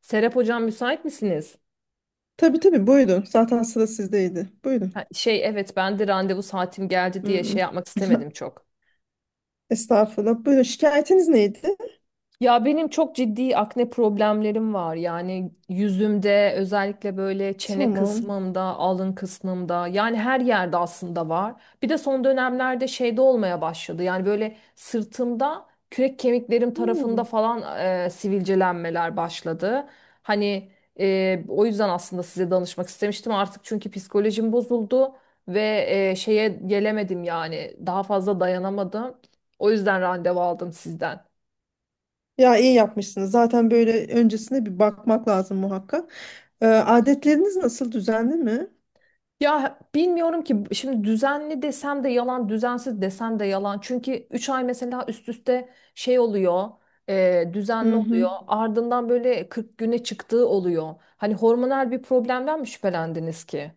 Serap Hocam müsait misiniz? Tabii tabii buyurun. Zaten sıra sizdeydi. Buyurun. Ha, şey evet ben de randevu saatim geldi diye şey Hmm. yapmak istemedim çok. Estağfurullah. Buyurun. Şikayetiniz neydi? Ya benim çok ciddi akne problemlerim var. Yani yüzümde özellikle böyle çene Tamam. kısmımda, alın kısmımda yani her yerde aslında var. Bir de son dönemlerde şeyde olmaya başladı. Yani böyle sırtımda kürek kemiklerim tarafında Hmm. falan sivilcelenmeler başladı. Hani o yüzden aslında size danışmak istemiştim artık çünkü psikolojim bozuldu ve şeye gelemedim yani daha fazla dayanamadım. O yüzden randevu aldım sizden. Ya iyi yapmışsınız. Zaten böyle öncesine bir bakmak lazım muhakkak. Adetleriniz nasıl? Düzenli mi? Ya bilmiyorum ki şimdi düzenli desem de yalan, düzensiz desem de yalan. Çünkü 3 ay mesela üst üste şey oluyor, düzenli Hı oluyor. hı. Ardından böyle 40 güne çıktığı oluyor. Hani hormonal bir problemden mi şüphelendiniz ki?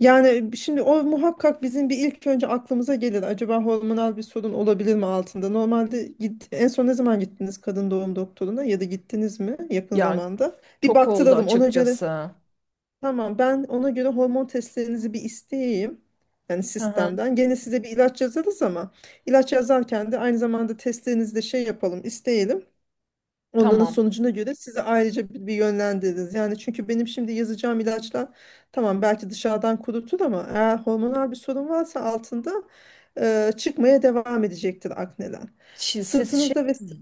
Yani şimdi o muhakkak bizim bir ilk önce aklımıza gelir. Acaba hormonal bir sorun olabilir mi altında? Normalde en son ne zaman gittiniz kadın doğum doktoruna ya da gittiniz mi yakın Yani zamanda? Bir çok oldu baktıralım ona göre. açıkçası. Tamam, ben ona göre hormon testlerinizi bir isteyeyim. Yani Hı hı. sistemden. Gene size bir ilaç yazarız, ama ilaç yazarken de aynı zamanda testlerinizi de şey yapalım, isteyelim. Onların Tamam. sonucuna göre size ayrıca bir yönlendiririz. Yani çünkü benim şimdi yazacağım ilaçlar tamam belki dışarıdan kurutur, ama eğer hormonal bir sorun varsa altında çıkmaya devam edecektir akneler. Siz şey Sırtınızda ve... mi?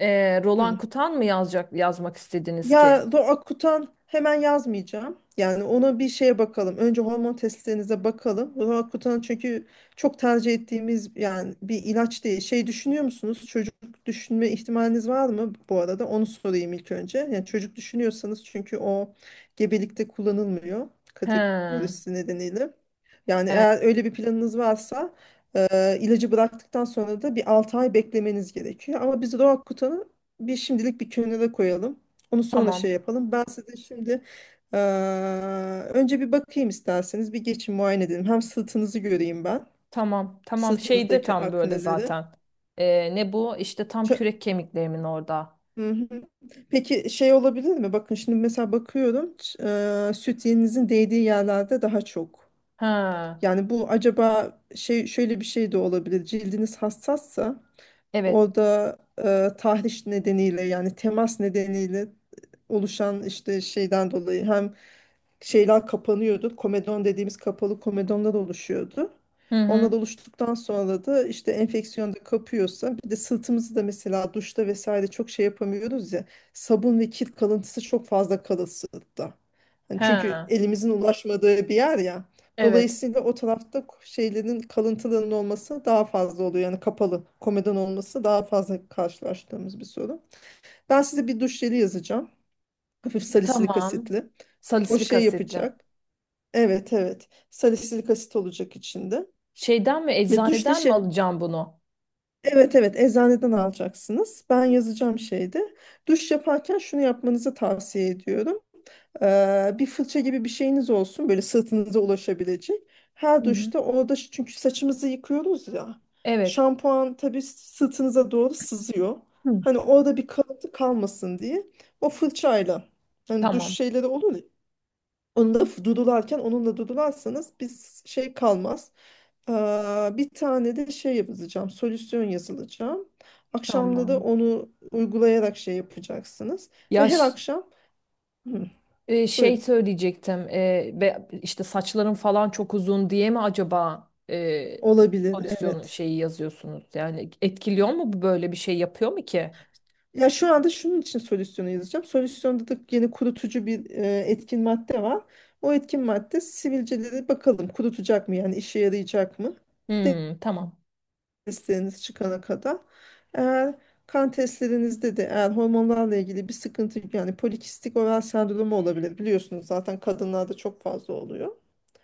Roland Hı. Kutan mı yazacak, yazmak istediniz ki? Ya do akutan hemen yazmayacağım. Yani ona bir şeye bakalım. Önce hormon testlerinize bakalım. Roakutan çünkü çok tercih ettiğimiz yani bir ilaç değil. Şey düşünüyor musunuz? Çocuk düşünme ihtimaliniz var mı bu arada? Onu sorayım ilk önce. Yani çocuk düşünüyorsanız, çünkü o gebelikte kullanılmıyor He. kategorisi nedeniyle. Yani E, eğer öyle bir planınız varsa ilacı bıraktıktan sonra da bir 6 ay beklemeniz gerekiyor. Ama biz Roakutan'ı bir şimdilik bir kenara koyalım. Onu sonra şey tamam. yapalım. Ben size şimdi eee, önce bir bakayım isterseniz. Bir geçin muayene edelim. Hem sırtınızı göreyim ben. Tamam, tamam. Şeyde Sırtınızdaki tam böyle akneleri. zaten. Ne bu? İşte tam Ç- kürek kemiklerimin orada. Hı hı. Peki şey olabilir mi? Bakın şimdi mesela bakıyorum. Süt yeğeninizin değdiği yerlerde daha çok. Ha, Yani bu acaba şey şöyle bir şey de olabilir. Cildiniz hassassa evet. orada tahriş nedeniyle, yani temas nedeniyle oluşan işte şeyden dolayı hem şeyler kapanıyordu. Komedon dediğimiz kapalı komedonlar oluşuyordu. Hı Onlar hı. oluştuktan sonra da işte enfeksiyon da kapıyorsa, bir de sırtımızı da mesela duşta vesaire çok şey yapamıyoruz ya. Sabun ve kir kalıntısı çok fazla kalır sırtta. Hani çünkü Ha, elimizin ulaşmadığı bir yer ya. evet. Dolayısıyla o tarafta şeylerin kalıntılarının olması daha fazla oluyor. Yani kapalı komedon olması daha fazla karşılaştığımız bir sorun. Ben size bir duş jeli yazacağım. Hafif salisilik Tamam. asitli. O Salisilik şey asitli. yapacak. Evet evet. Salisilik asit olacak içinde. Şeyden mi, Ve duş da eczaneden mi şey. alacağım bunu? Evet evet, eczaneden alacaksınız. Ben yazacağım şeyde. Duş yaparken şunu yapmanızı tavsiye ediyorum. Bir fırça gibi bir şeyiniz olsun böyle sırtınıza ulaşabilecek. Hı Her hı. duşta orada çünkü saçımızı yıkıyoruz ya. Evet. Şampuan tabii sırtınıza doğru sızıyor. Hı. Hani orada bir kalıntı kalmasın diye o fırçayla, hani duş Tamam, şeyleri olur ya. Onu da dudularken onunla dudularsanız biz şey kalmaz. Ee, Bir tane de şey yapacağım. Solüsyon yazılacağım. Akşamda da tamam. onu uygulayarak şey yapacaksınız. Ve Ya her ş- akşam. Hı, şey buyurun. söyleyecektim. İşte saçların falan çok uzun diye mi acaba Olabilir, solüsyon evet. şeyi yazıyorsunuz? Yani etkiliyor mu bu böyle bir şey yapıyor mu ki? Ya şu anda şunun için solüsyonu yazacağım. Solüsyonda da yeni kurutucu bir etkin madde var. O etkin madde sivilceleri bakalım kurutacak mı, yani işe yarayacak mı? Hmm, tamam. Testleriniz çıkana kadar. Eğer kan testlerinizde de eğer hormonlarla ilgili bir sıkıntı, yani polikistik oral sendromu olabilir. Biliyorsunuz zaten kadınlarda çok fazla oluyor.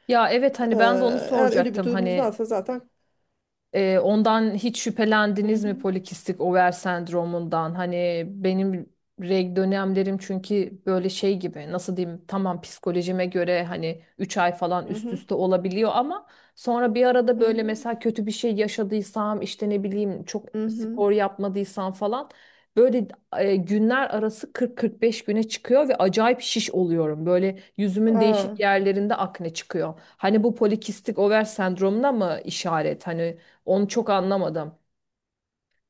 Ya evet hani ben de onu Eğer öyle bir soracaktım durumunuz hani. varsa zaten. Ondan hiç Hı şüphelendiniz mi hı, polikistik over sendromundan? Hani benim reg dönemlerim çünkü böyle şey gibi nasıl diyeyim tamam psikolojime göre hani 3 ay falan hı üst hı, üste olabiliyor ama sonra bir arada hı böyle hı, mesela kötü bir şey yaşadıysam işte ne bileyim çok hı hı. spor yapmadıysam falan böyle günler arası 40-45 güne çıkıyor ve acayip şiş oluyorum. Böyle yüzümün Aa. değişik yerlerinde akne çıkıyor. Hani bu polikistik over sendromuna mı işaret? Hani onu çok anlamadım.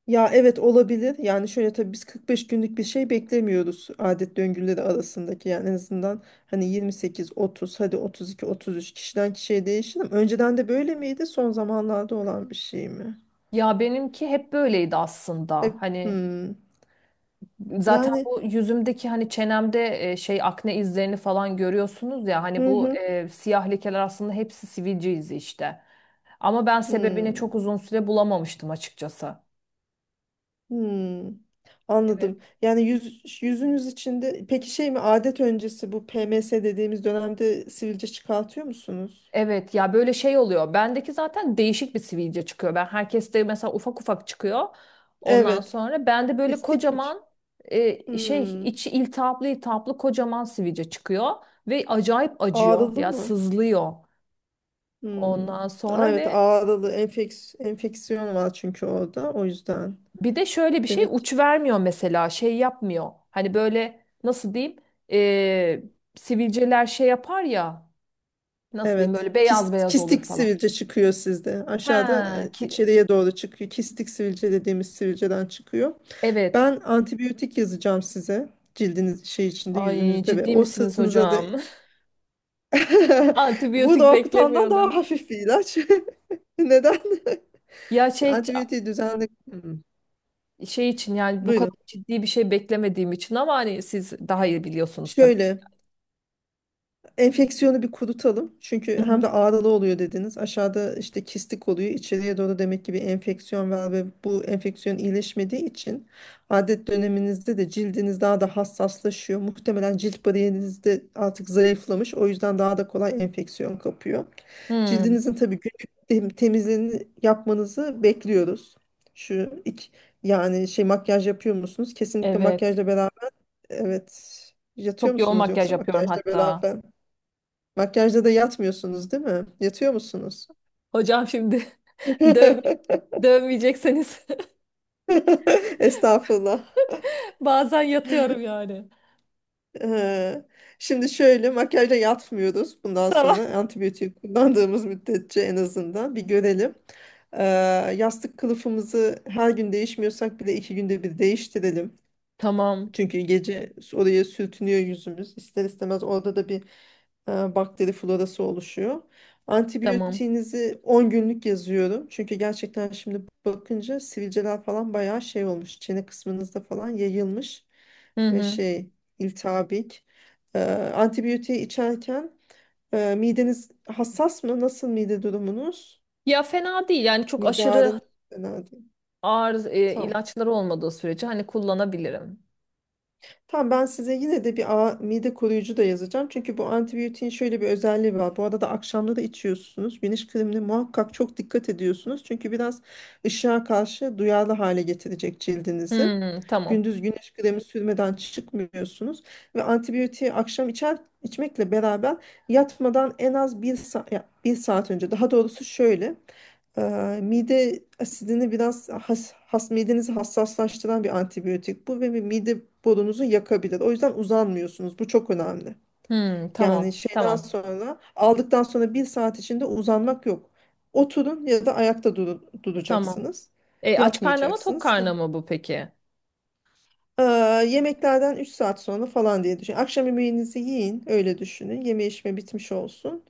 Ya evet olabilir. Yani şöyle, tabii biz 45 günlük bir şey beklemiyoruz adet döngüleri arasındaki. Yani en azından hani 28, 30, hadi 32, 33, kişiden kişiye değişir, ama önceden de böyle miydi? Son zamanlarda olan bir şey mi? Ya benimki hep böyleydi E, aslında. Hani hmm. zaten Yani bu yüzümdeki hani çenemde şey akne izlerini falan görüyorsunuz ya hani hı bu hı, siyah lekeler aslında hepsi sivilce izi işte. Ama ben sebebini hmm, çok uzun süre bulamamıştım açıkçası. hmm. Evet. Anladım. Yani yüzünüz içinde peki şey mi, adet öncesi bu PMS dediğimiz dönemde sivilce çıkartıyor musunuz? Evet ya böyle şey oluyor. Bendeki zaten değişik bir sivilce çıkıyor. Ben herkeste mesela ufak ufak çıkıyor. Ondan Evet. sonra bende böyle İstik mi? Kocaman şey Hmm. içi iltihaplı iltihaplı kocaman sivilce çıkıyor ve acayip acıyor. Ağrılı Ya mı? sızlıyor. Hmm. Ondan Aa, sonra evet ve ağrılı, enfeksiyon var çünkü orada, o yüzden. bir de şöyle bir şey Demek ki, uç vermiyor mesela şey yapmıyor. Hani böyle nasıl diyeyim e, sivilceler şey yapar ya nasıl diyeyim evet, böyle beyaz beyaz olur kistik falan. sivilce çıkıyor sizde. Aşağıda Ha ki içeriye doğru çıkıyor. Kistik sivilce dediğimiz sivilceden çıkıyor. evet. Ben antibiyotik yazacağım size, cildiniz şey içinde, Ay yüzünüzde ve ciddi o misiniz sırtınıza da. hocam? Bu Antibiyotik da daha beklemiyordum. hafif bir ilaç. Neden? Ya Şu şey antibiyotiği düzenli. Hmm, şey için yani bu kadar buyurun. ciddi bir şey beklemediğim için ama hani siz daha iyi biliyorsunuz tabii. Şöyle. Enfeksiyonu bir kurutalım. Çünkü Hı hı. hem de ağrılı oluyor dediniz. Aşağıda işte kistik oluyor. İçeriye doğru, demek ki bir enfeksiyon var ve bu enfeksiyon iyileşmediği için adet döneminizde de cildiniz daha da hassaslaşıyor. Muhtemelen cilt bariyeriniz de artık zayıflamış. O yüzden daha da kolay enfeksiyon kapıyor. Hmm, Cildinizin tabii günlük temizliğini yapmanızı bekliyoruz. Şu iki, Yani şey, makyaj yapıyor musunuz? Kesinlikle evet. makyajla beraber, evet. Yatıyor Çok yoğun musunuz makyaj yoksa yapıyorum makyajla hatta. beraber? Makyajda da yatmıyorsunuz değil mi? Yatıyor musunuz? Hocam şimdi döv dövmeyecekseniz Estağfurullah. bazen yatıyorum yani. Ee, Şimdi şöyle, makyajda yatmıyoruz. Bundan Tamam. sonra antibiyotik kullandığımız müddetçe en azından bir görelim. Ee, Yastık kılıfımızı her gün değişmiyorsak bile 2 günde bir değiştirelim. Tamam. Çünkü gece oraya sürtünüyor yüzümüz. İster istemez orada da bir bakteri florası oluşuyor. Tamam. Antibiyotiğinizi 10 günlük yazıyorum. Çünkü gerçekten şimdi bakınca sivilceler falan bayağı şey olmuş. Çene kısmınızda falan yayılmış Hı ve hı. şey, iltihabik. Antibiyotiği içerken mideniz hassas mı? Nasıl mide durumunuz? Ya fena değil yani çok Mide ağrın aşırı Fena değil. ağır Tamam. ilaçları olmadığı sürece hani kullanabilirim. Tamam, ben size yine de bir mide koruyucu da yazacağım. Çünkü bu antibiyotiğin şöyle bir özelliği var. Bu arada da akşamları içiyorsunuz. Güneş kremine muhakkak çok dikkat ediyorsunuz. Çünkü biraz ışığa karşı duyarlı hale getirecek cildinizi. Hmm, tamam. Gündüz güneş kremi sürmeden çıkmıyorsunuz. Ve antibiyotiği akşam içmekle beraber yatmadan en az bir, sa ya bir saat önce. Daha doğrusu şöyle. Mide asidini biraz has midenizi hassaslaştıran bir antibiyotik bu ve bir mide borunuzu yakabilir. O yüzden uzanmıyorsunuz. Bu çok önemli. Hmm, Yani tamam. şeyden Tamam. sonra, aldıktan sonra bir saat içinde uzanmak yok. Oturun ya da ayakta Tamam. duracaksınız. Aç karnı mı tok Yatmayacaksınız. karnı mı bu peki? Ee, Yemeklerden 3 saat sonra falan diye düşün. Akşam yemeğinizi yiyin, öyle düşünün. Yeme içme bitmiş olsun.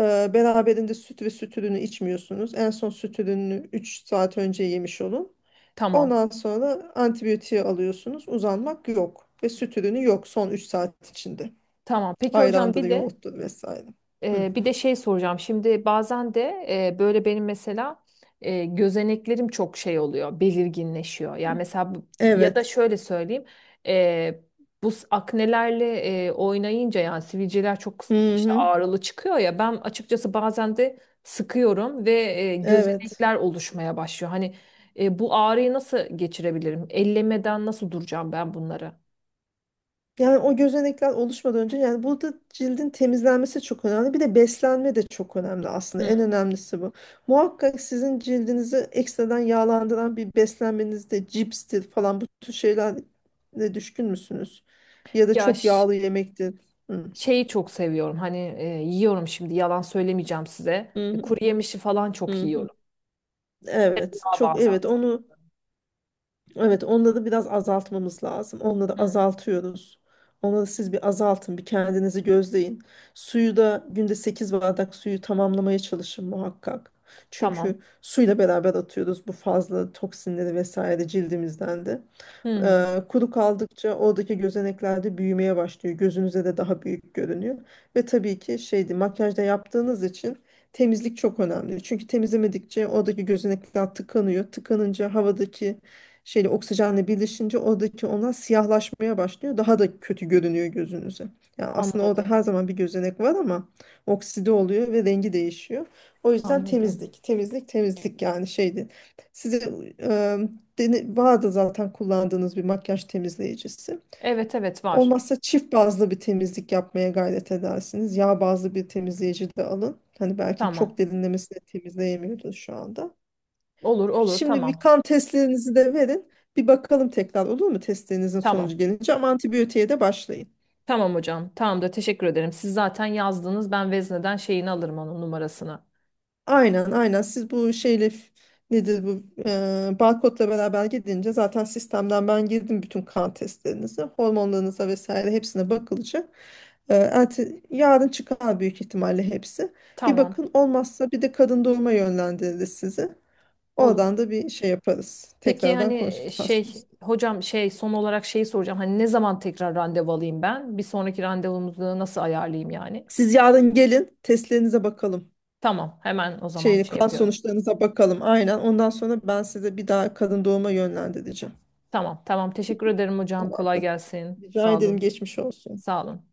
Beraberinde süt ve süt ürünü içmiyorsunuz. En son süt ürününü 3 saat önce yemiş olun. Tamam. Ondan sonra antibiyotiği alıyorsunuz. Uzanmak yok. Ve süt ürünü yok son 3 saat içinde. Tamam. Peki hocam Ayrandır, bir de yoğurttur vesaire. Hı. Ee, bir de şey soracağım. Şimdi bazen de böyle benim mesela gözeneklerim çok şey oluyor, belirginleşiyor. Yani mesela ya da Evet. şöyle söyleyeyim, e, bu aknelerle oynayınca yani sivilceler çok Hı işte hı. ağrılı çıkıyor ya. Ben açıkçası bazen de sıkıyorum ve Evet. gözenekler oluşmaya başlıyor. Hani bu ağrıyı nasıl geçirebilirim? Ellemeden nasıl duracağım ben bunları? Yani o gözenekler oluşmadan önce, yani burada cildin temizlenmesi çok önemli. Bir de beslenme de çok önemli aslında. En Hı. önemlisi bu. Muhakkak sizin cildinizi ekstradan yağlandıran bir beslenmenizde, cipstir falan bu tür şeylerle düşkün müsünüz? Ya da Ya çok yağlı yemektir. Hı. şeyi çok seviyorum. Hani yiyorum şimdi yalan söylemeyeceğim size. Hı E, hı, kuru yemişi falan çok hı hı. yiyorum. Evet, Daha çok, bazen evet çok. onu. Evet, onları biraz azaltmamız lazım. Onları azaltıyoruz. Onları siz bir azaltın, bir kendinizi gözleyin. Suyu da günde 8 bardak suyu tamamlamaya çalışın muhakkak. Tamam. Çünkü suyla beraber atıyoruz bu fazla toksinleri vesaire cildimizden de. Hmm, Kuru kaldıkça oradaki gözenekler de büyümeye başlıyor. Gözünüze de daha büyük görünüyor. Ve tabii ki şeydi, makyajda yaptığınız için temizlik çok önemli. Çünkü temizlemedikçe oradaki gözenekler tıkanıyor. Tıkanınca havadaki şeyle, oksijenle birleşince oradaki onlar siyahlaşmaya başlıyor. Daha da kötü görünüyor gözünüze. Yani aslında orada anladım. her zaman bir gözenek var ama okside oluyor ve rengi değişiyor. O yüzden Anladım. temizlik, temizlik, temizlik, yani şeydi. Size e, vardı zaten kullandığınız bir makyaj temizleyicisi. Evet, evet, var. Olmazsa çift bazlı bir temizlik yapmaya gayret edersiniz. Yağ bazlı bir temizleyici de alın. Hani belki Tamam. çok derinlemesine temizleyemiyordur şu anda. Olur, olur, Şimdi bir tamam. kan testlerinizi de verin. Bir bakalım tekrar olur mu, testlerinizin Tamam. sonucu gelince, ama antibiyotiğe de başlayın. Tamam hocam. Tamam da teşekkür ederim. Siz zaten yazdınız. Ben vezneden şeyini alırım onun numarasını. Aynen aynen, siz bu şeyle, nedir bu, barkodla beraber gidince zaten sistemden ben girdim, bütün kan testlerinizi, hormonlarınıza vesaire hepsine bakılacak. Yarın çıkar büyük ihtimalle hepsi. Bir Tamam. bakın, olmazsa bir de kadın doğuma yönlendiririz sizi. Olur. Oradan da bir şey yaparız. Peki Tekrardan hani konsültasyon şey isteriz. hocam şey son olarak şeyi soracağım. Hani ne zaman tekrar randevu alayım ben? Bir sonraki randevumuzu nasıl ayarlayayım yani? Siz yarın gelin, testlerinize bakalım. Tamam, hemen o zaman Şey, şey kan yapıyorum. sonuçlarınıza bakalım. Aynen. Ondan sonra ben size bir daha kadın doğuma yönlendireceğim. Tamam, tamam. Teşekkür ederim hocam. Tamam. Kolay gelsin. Rica Sağ ederim, olun. geçmiş olsun. Sağ olun.